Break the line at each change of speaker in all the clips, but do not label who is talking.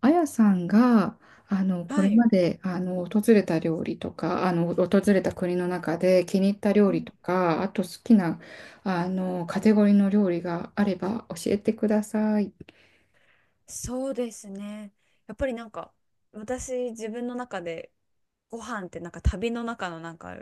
あやさんがこ
は
れ
い。
まで訪れた料理とか訪れた国の中で気に入った料
う
理
ん、
とかあと好きなカテゴリーの料理があれば教えてください。
そうですね。やっぱりなんか私自分の中でご飯ってなんか旅の中のなんか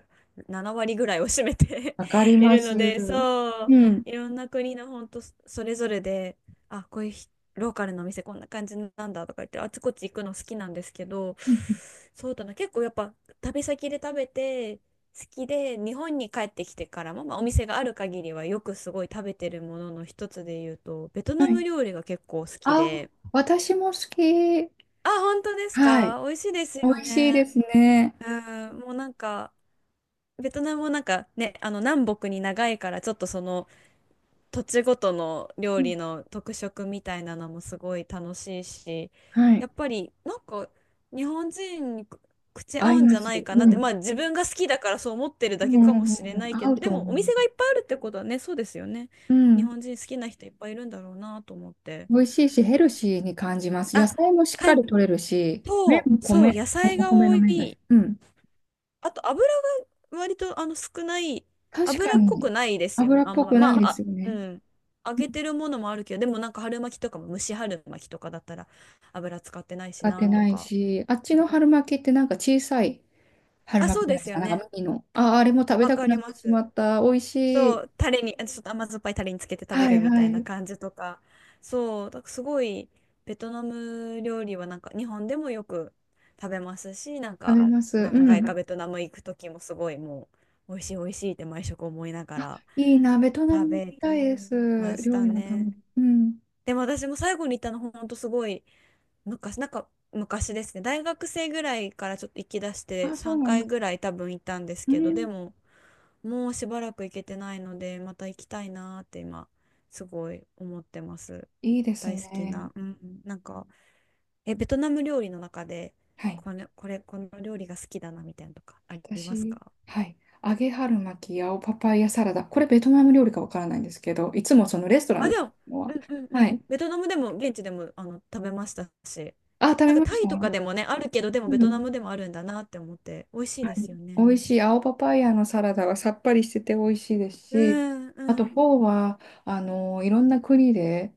7割ぐらいを占めて
わかり
い
ま
るの
す。
で、そう、
うん。
いろんな国の本当それぞれで、あ、こういうローカルのお店こんな感じなんだとか言ってあちこち行くの好きなんですけど、そうだな、結構やっぱ旅先で食べて好きで日本に帰ってきてからも、まあ、お店がある限りはよくすごい食べてるものの一つで言うとベト
は
ナム
い。
料理が結構好き
あ、
で。
私も好き。
あ、本当です
はい。
か？美味しいです
美
よ
味しいで
ね。
すね。
うん、もうなんか、ベトナムもなんかね、あの南北に長いから、ちょっとその土地ごとの
う
料
ん。
理の特色みたいなのもすごい楽しいし、
は
や
い。
っぱりなんか日本人に口合
合い
うん
ま
じゃ
す。
ないか
う
なって、ま
ん。
あ自分が好きだからそう思ってる
う
だけ
んう
かも
んう
し
ん
れ
う
な
ん。
いけ
合
ど、
う
で
と
もお
思い
店が
ま
い
す。
っぱいあるってことはね、そうですよね。
う
日
ん。
本人好きな人いっぱいいるんだろうなと思って。
美味しいし、ヘルシーに感じます。野
あ、
菜もしっ
か
かり
ん、
取れるし、
そ
麺
う、
も
そう、
米、
野
お
菜
お
が
米
多
の麺だし。
い。
うん。
あと油が割と少ない、
確か
油っこ
に、
くないですよ
油
ね。
っ
あん
ぽ
ま、
く
ま
ないで
あ、
す
あ、
よ
う
ね。
ん。揚げてるものもあるけど、でもなんか春巻きとかも蒸し春巻きとかだったら油使ってないし
使って
なと
ない
か。
し、あっち
う
の
ん。
春巻きってなんか小さい春
あ、
巻
そ
き
う
じゃ
で
ないで
す
す
よ
か。なんか
ね。
麦の。あ、あれも食べ
わ
た
か
くな
り
っ
ま
てしま
す。
った。美味しい。
そう、タレに、あちょっと甘酸っぱいタレにつけて食べ
はい
るみ
は
たい
い。
な
食
感じとか。そう、だからすごいベトナム料理はなんか日本でもよく食べますし、なん
べ
か
ます。う
何回か
ん。
ベトナム行く時もすごいもう美味しい美味しいって毎食思いなが
あ、
ら。
いいな。ベトナ
食
ム行
べ
きたい
て
です。
まし
料
た
理のため
ね。
に。うん。
でも私も最後に行ったのほんとすごい昔、なんか昔ですね。大学生ぐらいからちょっと行き出して
あ、そう
3
なんで
回ぐ
す。
らい多分行ったんです
う
けど、で
ん。
ももうしばらく行けてないので、また行きたいなーって今すごい思ってます。
いいです
大好き
ね。
な。うん。なんか、え、ベトナム料理の中で
はい。
この料理が好きだなみたいなのとかあります
私、
か？
はい。揚げ春巻き、青パパイヤサラダ。これベトナム料理かわからないんですけど、いつもそのレストラン
あ、
で
で
食べ
も、
るの
う
は。
んうんう
は
ん。
い。
ベトナムでも、現地でも、食べましたし。
あ、食
な
べ
んか
まし
タイ
た。
とかでもね、あるけど、でも
う
ベトナ
ん。
ムでもあるんだなって思って、美味しい
は
で
い。
すよ
美
ね。
味しい。青パパイヤのサラダはさっぱりしてて美味しいです
う
し、
ん
あと
う
フォ
ん。
ーは、いろんな国で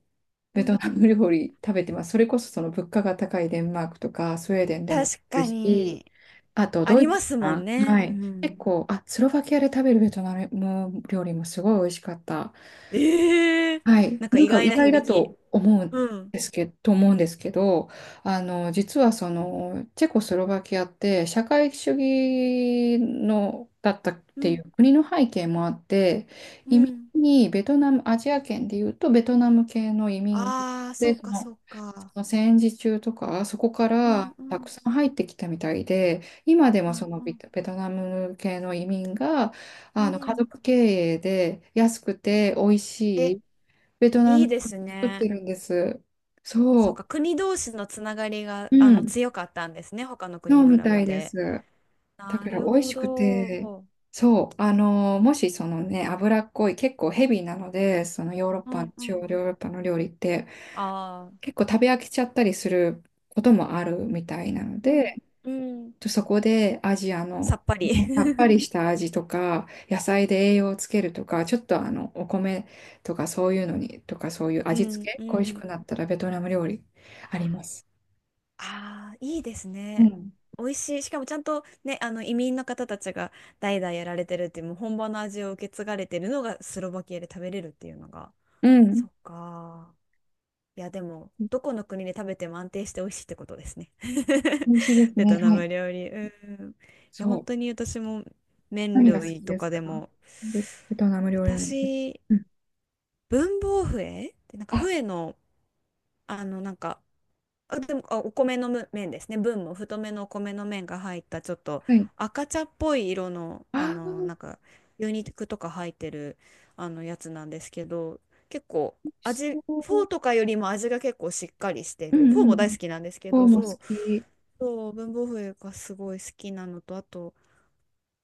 う
ベト
ん。
ナム料理食べてます。それこそその物価が高いデンマークとかスウェーデンでも食
確
べる
か
し、
に、
あと
あ
ド
り
イツ
ますもん
かな。
ね。
は
う
い。結
ん。
構、あ、スロバキアで食べるベトナム料理もすごい美味しかった。
ええ、
はい、
なんか
なん
意
か意
外な
外だ
響き。
と思う
う
ん
ん。
ですけど、と思うんですけど、実はその、チェコスロバキアって社会主義の、だったっ
う
てい
ん。
う国の背景もあって、
う
移民
ん。
にベトナム、アジア圏でいうとベトナム系の移民
ああ、そ
で、
う
そ
か、
の、
そうか。
その戦時中とか、そこか
うん
ら
う
たく
ん。
さん入ってきたみたいで、今で
う
もそ
ん
の
う
ベ
ん。
トベトナム系の移民が、
う
家
ん。
族経営で安くて美味し
え、
いベトナ
い
ム
い
料
です
理作って
ね。
るんです。
そう
そ
か、国同士のつながりが、
う。うん。
強かったんですね、他の
そ
国
う
に比
み
べ
たいで
て。
す。だ
な
から
る
美味
ほ
しく
ど。
て、そう。もしそのね、脂っこい、結構ヘビーなので、そのヨーロッ
う
パの、
んう
中央ヨ
ん。
ーロッパの料理って、
ああ、
結構食べ飽きちゃったりすることもあるみたいなの
う
で、
んうん。
そこでアジア
さ
の、
っぱり。
ね、さっぱ りした味とか、野菜で栄養をつけるとか、ちょっとお米とかそういうのに、とかそういう
う
味付
ん
け、
う
恋し
ん。
くなったらベトナム料理あります。
ああ、いいです
う
ね。
ん。
美味しい。しかもちゃんとね、あの移民の方たちが代々やられてるっていう、もう本場の味を受け継がれてるのがスロバキアで食べれるっていうのが。
うん。
そっか。いや、でも、どこの国で食べても安定して美味しいってことですね。
美味しいです
ベ
ね。
トナ
はい。
ム料理。うん。いや、
そう。
本
は
当に私も麺
何いが好
類
き
と
です
か
か
でも、
ベトナム料理なのか。
私、
うん。
文房笛ってなんか
あ、
笛の、あの、なんか、あ、でも、あ、お米の麺ですね。分も太めのお米の麺が入った、ちょっと
はい。
赤茶っぽい色の、
あ
あ
あ、
の、なんか、牛肉とか入ってる、あの、やつなんですけど、結構、
美味し
味、
そ
フォー
う。
とかよりも味が結構しっかりして
う
る。フォ
ん
ー
う
も大
ん。
好きなんですけ
フォー
ど、
も
そ
好
う、
き。
そう、文房具がすごい好きなのと、あと、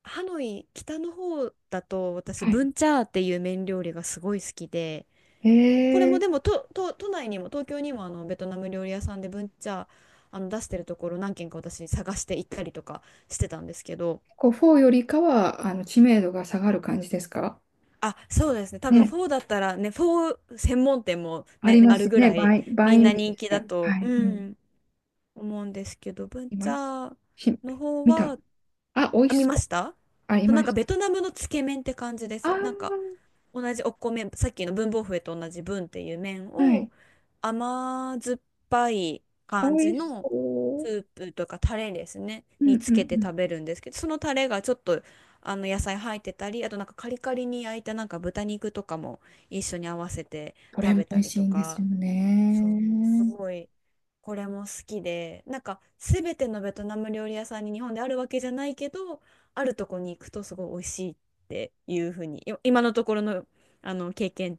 ハノイ、北の方だと、私、
はい。
ブンチャーっていう麺料理がすごい好きで、
え
これも
ー、
でもと都内にも東京にもあのベトナム料理屋さんでブンチャーあの出してるところ何軒か私探して行ったりとかしてたんですけど。
こう、フォーよりかは、知名度が下がる感じですか
あ、そうですね、多分
ね、
フォーだったらね、フォー専門店も
あり
ね
ま
ある
す
ぐ
ね、
らい
バイ、バ
みん
インね
な
ミー
人
み
気
たい
だ
な。は
と、
い、
う
うん。
ん、思うんですけど、ブンチ
今、
ャー
し、
の方
見た。
は
あ、美味
あ
し
見ま
そう。
した。
あ、い
そう、な
ま
んか
し
ベ
た。
トナムのつけ麺って感じです、なんか
あ
同じお米、さっきの文房笛と同じ文っていう麺
あ、は
を
い、
甘酸っぱい
美
感じ
味し
のス
そ
ープとかタレですね、
う。う
に
んう
つ
ん
けて
うん。
食べるんですけど、そのタレがちょっとあの野菜入ってたり、あとなんかカリカリに焼いたなんか豚肉とかも一緒に合わせて
これ
食
も
べ
美
た
味
り
し
と
いんです
か。
よ
そう、す
ね。
ごい、これも好きで、なんか、すべてのベトナム料理屋さんに日本であるわけじゃないけど、あるとこに行くとすごい美味しいっていうふうに、今のところの、あの経験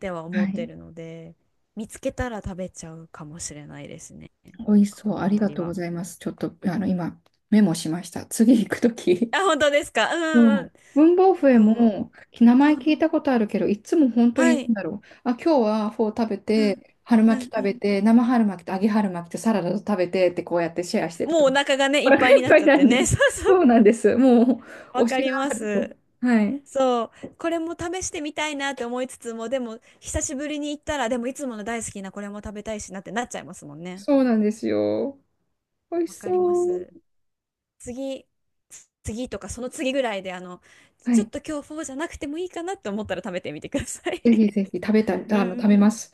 では思
は
って
い。
るので、見つけたら食べちゃうかもしれないですね。なん
美味し
か
そ
こ
う。
の
あり
辺
が
り
とうご
は。
ざいます。ちょっと、今、メモしました。次行くとき。
あ、本当ですか。う
そ
んう
う。
ん。
文房具へ
そ
も、名
う。う
前聞い
ん。
たことあるけど、いつも本当
は
にな
い。
んだろう。あ、今日はフォー食べ
うん。
て、春
う
巻き
ん
食
う
べ
ん。
て、生春巻きと揚げ春巻きとサラダと食べてって、こうやってシェアしてる
もう
と
お
思う。
腹がね、
お
いっ
腹
ぱい
い
に
っ
なっ
ぱ
ち
い
ゃっ
な
て
んで。
ね。そうそ
そ
う。
うなんです。もう、
わ
推
か
しが
りま
ある
す。
と。はい。
そう、これも試してみたいなって思いつつも、でも久しぶりに行ったら、でもいつもの大好きなこれも食べたいしなってなっちゃいますもんね。
そうなんですよ。美味し
わかりま
そう。
す。次、次とかその次ぐらいで、あの、
は
ちょっ
い。
と今日フォーじゃなくてもいいかなって思ったら食べてみてください。
ぜひぜひ食べたい、
う
食
ん、
べます。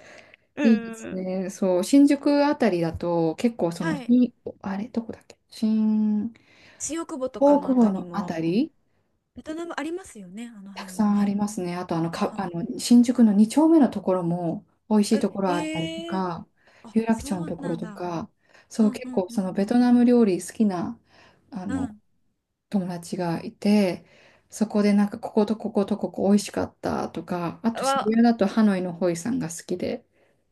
いいで
う
す
ん。
ね。そう、新宿あたりだと、結構その、
はい。
新あれ、どこだっけ新
新大久保とか
大
の
久
あ
保
たり
のあた
も、
り、
ベトナムありますよね、あの
た
辺
くさ
も
んあり
ね。
ますね。あと、あの、か、あの、新宿の2丁目のところも、美味しい
あえ、
ところあったりと
へえ
か、
あ、
有楽町
そ
の
う
ところ
なん
と
だ。
か、
う
そう、
んう
結
ん
構
う
その、ベ
ん
トナム料理好きな、あ
うん。う
の、
ん。
友達がいて、そこでなんか、こことこことここ美味しかったとか、あと渋
わ、
谷だとハノイのホイさんが好きで、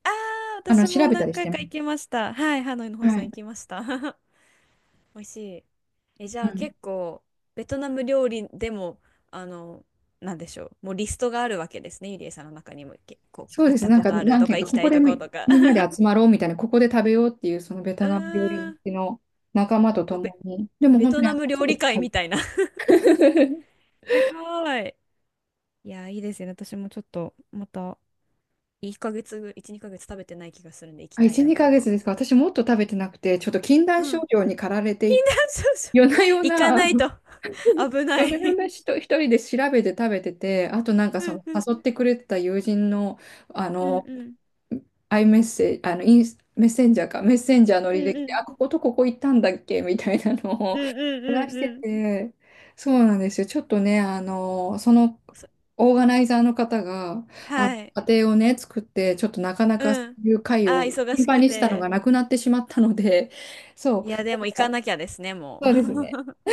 ああ、私
調
も
べた
何
りし
回
てま
か
す
行きました。はい、ハノイのホイ
は
さん
い。
行きました。美味しい。え、じ
う
ゃあ
ん
結構、ベトナム料理でも、あの、なんでしょう。もうリストがあるわけですね。ゆりえさんの中にも、けこう、
そう
行
で
っ
す。
た
なん
こ
か、
とある
なん
と
ていう
か、
か、
行き
こ
た
こ
い
で
とこ
み、
とか。
みんな で集まろうみたいな、ここで食べようっていう、そのベト
う
ナム料理
ー
好
ん。
きの仲間と共
ベ、
に。でも
ベ
本当
ト
に
ナ
飽き
ム
て
料理会
な
みたいな。す
い。
ごい。いや、いいですよね。私もちょっと、また、1ヶ月ぐ、1、2ヶ月食べてない気がするんで、行 き
あ、
たい
1、
なって
2ヶ
今。
月ですか。私もっと食べてなくて、ちょっと禁
う
断症
ん。
状に駆られてい、
そうそう。
夜な夜
行か
な、
ないと危ない。
夜な夜な一人で調べて食べてて、あとなんか
う
そ
ん
の
うん。
誘ってくれてた友人の、あ
うん
の、
うん。
アイメッセージ、あの、インス、メッセンジャーか、メッセンジャーの
う
履
ん
歴
う
で、あ、こ
ん。
ことここ行ったんだっけみたいなの
う
を、
んうんう
探
ん
して
うん。
て、そうなんですよ。ちょっとね、その
そ、
オーガナイザーの方が、あ、
はい。
家庭をね、作って、ちょっとなかなかそ
うん。
ういう会
ああ、
を
忙
頻
し
繁
く
にしたのが
て。
なくなってしまったので、そう、
いや、で
だ
も行
か
か
ら
なきゃですね、も
そうですね。
う。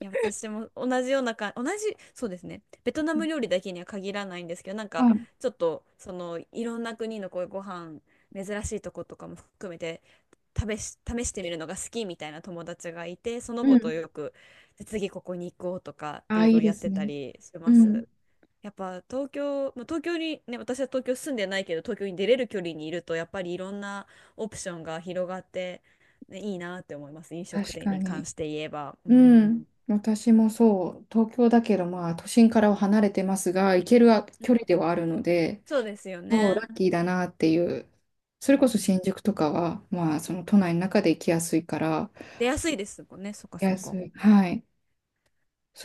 いや、私も同じ、そうですね。ベトナム料理だけには限らないんですけど、なんか、
あ、
ちょっと、その、いろんな国のこういうご飯、珍しいとことかも含めて、試してみるのが好きみたいな友達がいて、その
う
子と
ん。
よく、で次ここに行こうとかって
あ、
いう
い
の
い
を
で
やっ
す
てた
ね。
りし
う
ます。
ん。
やっぱ東京、まあ、東京にね、私は東京住んでないけど、東京に出れる距離にいると、やっぱりいろんなオプションが広がって、ね、いいなって思います。飲食
確
店
か
に関
に。
して言えば。う
うん。
ん。
私もそう、東京だけど、まあ、都心からは離れてますが、行ける
う
距離
ん、
ではあるので、
そうですよ
そう、
ね。
ラッキーだなっていう。それこそ
ね、
新宿とかは、まあ、その都内の中で行きやすいから、行
出やすいですもんね。そっか
き
そ
や
っ
す
か。
い。はい。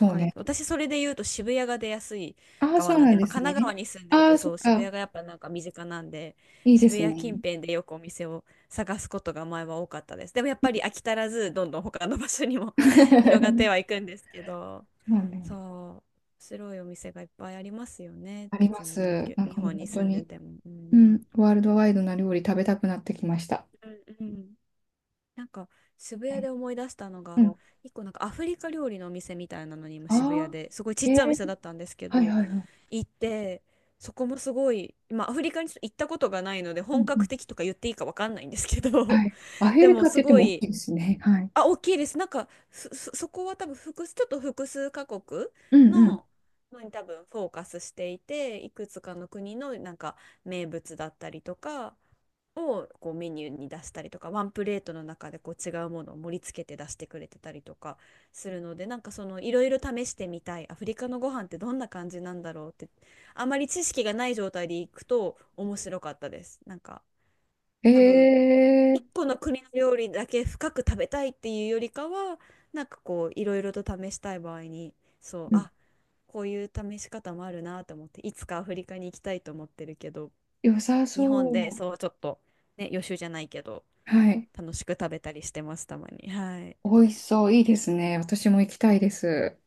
わ
う
かり
ね。
ます。私、それで言うと渋谷が出やすい
ああ、そ
側
う
なん
な
で、や
ん
っ
で
ぱ
す
神
ね。
奈川に住んでる
あ
と、
あ、そ
そ
っ
う、渋
か。
谷がやっぱなんか身近なんで、
いいで
渋
す
谷
ね。
近辺でよくお店を探すことが前は多かったです。でもやっぱり飽き足らず、どんどん他の場所にも 広がってはい くんですけど、
そう
そ
ね。
う、面白いお店がいっぱいありますよね。
あり
別
ま
に東
す。
京、
なんか
日本に
本当
住んで
に、
ても。う
う
ん。
ん、ワールドワイドな料理食べたくなってきました。
うんうん。なんか渋
は
谷
い。
で思い出したの
う
が、
ん。あ
一個なんかアフリカ料理のお店みたいなのに今渋谷
あ、
ですごいちっ
え
ちゃいお店
ー、
だったんですけ
はい
ど、
はいはい。
行って、そこもすごい、まあ、アフリカに行ったことがないので、
う
本
んうん。
格的とか言っていいかわかんないんですけ
は
ど、
い。ア フ
で
リ
も
カっ
す
て言って
ご
も大き
い、
いですね。はい。
あ、大きいです。なんか、そこは多分複数、ちょっと複数カ国
うんう
の、のに多分フォーカスしていて、いくつかの国のなんか名物だったりとか、をこうメニューに出したりとか、ワンプレートの中でこう違うものを盛り付けて出してくれてたりとかするので、なんかそのいろいろ試してみたいアフリカのご飯ってどんな感じなんだろうって、あまり知識がない状態で行くと面白かったです。なんか
ん。
多分
え
一
ー、
個の国の料理だけ深く食べたいっていうよりかは、なんかこういろいろと試したい場合に、そう、あ、こういう試し方もあるなと思って、いつかアフリカに行きたいと思ってるけど、
良さ
日
そ
本で
う。
そうちょっとね、予習じゃないけど、
はい。
楽しく食べたりしてます、たまに。はい。
美味しそう。いいですね。私も行きたいです。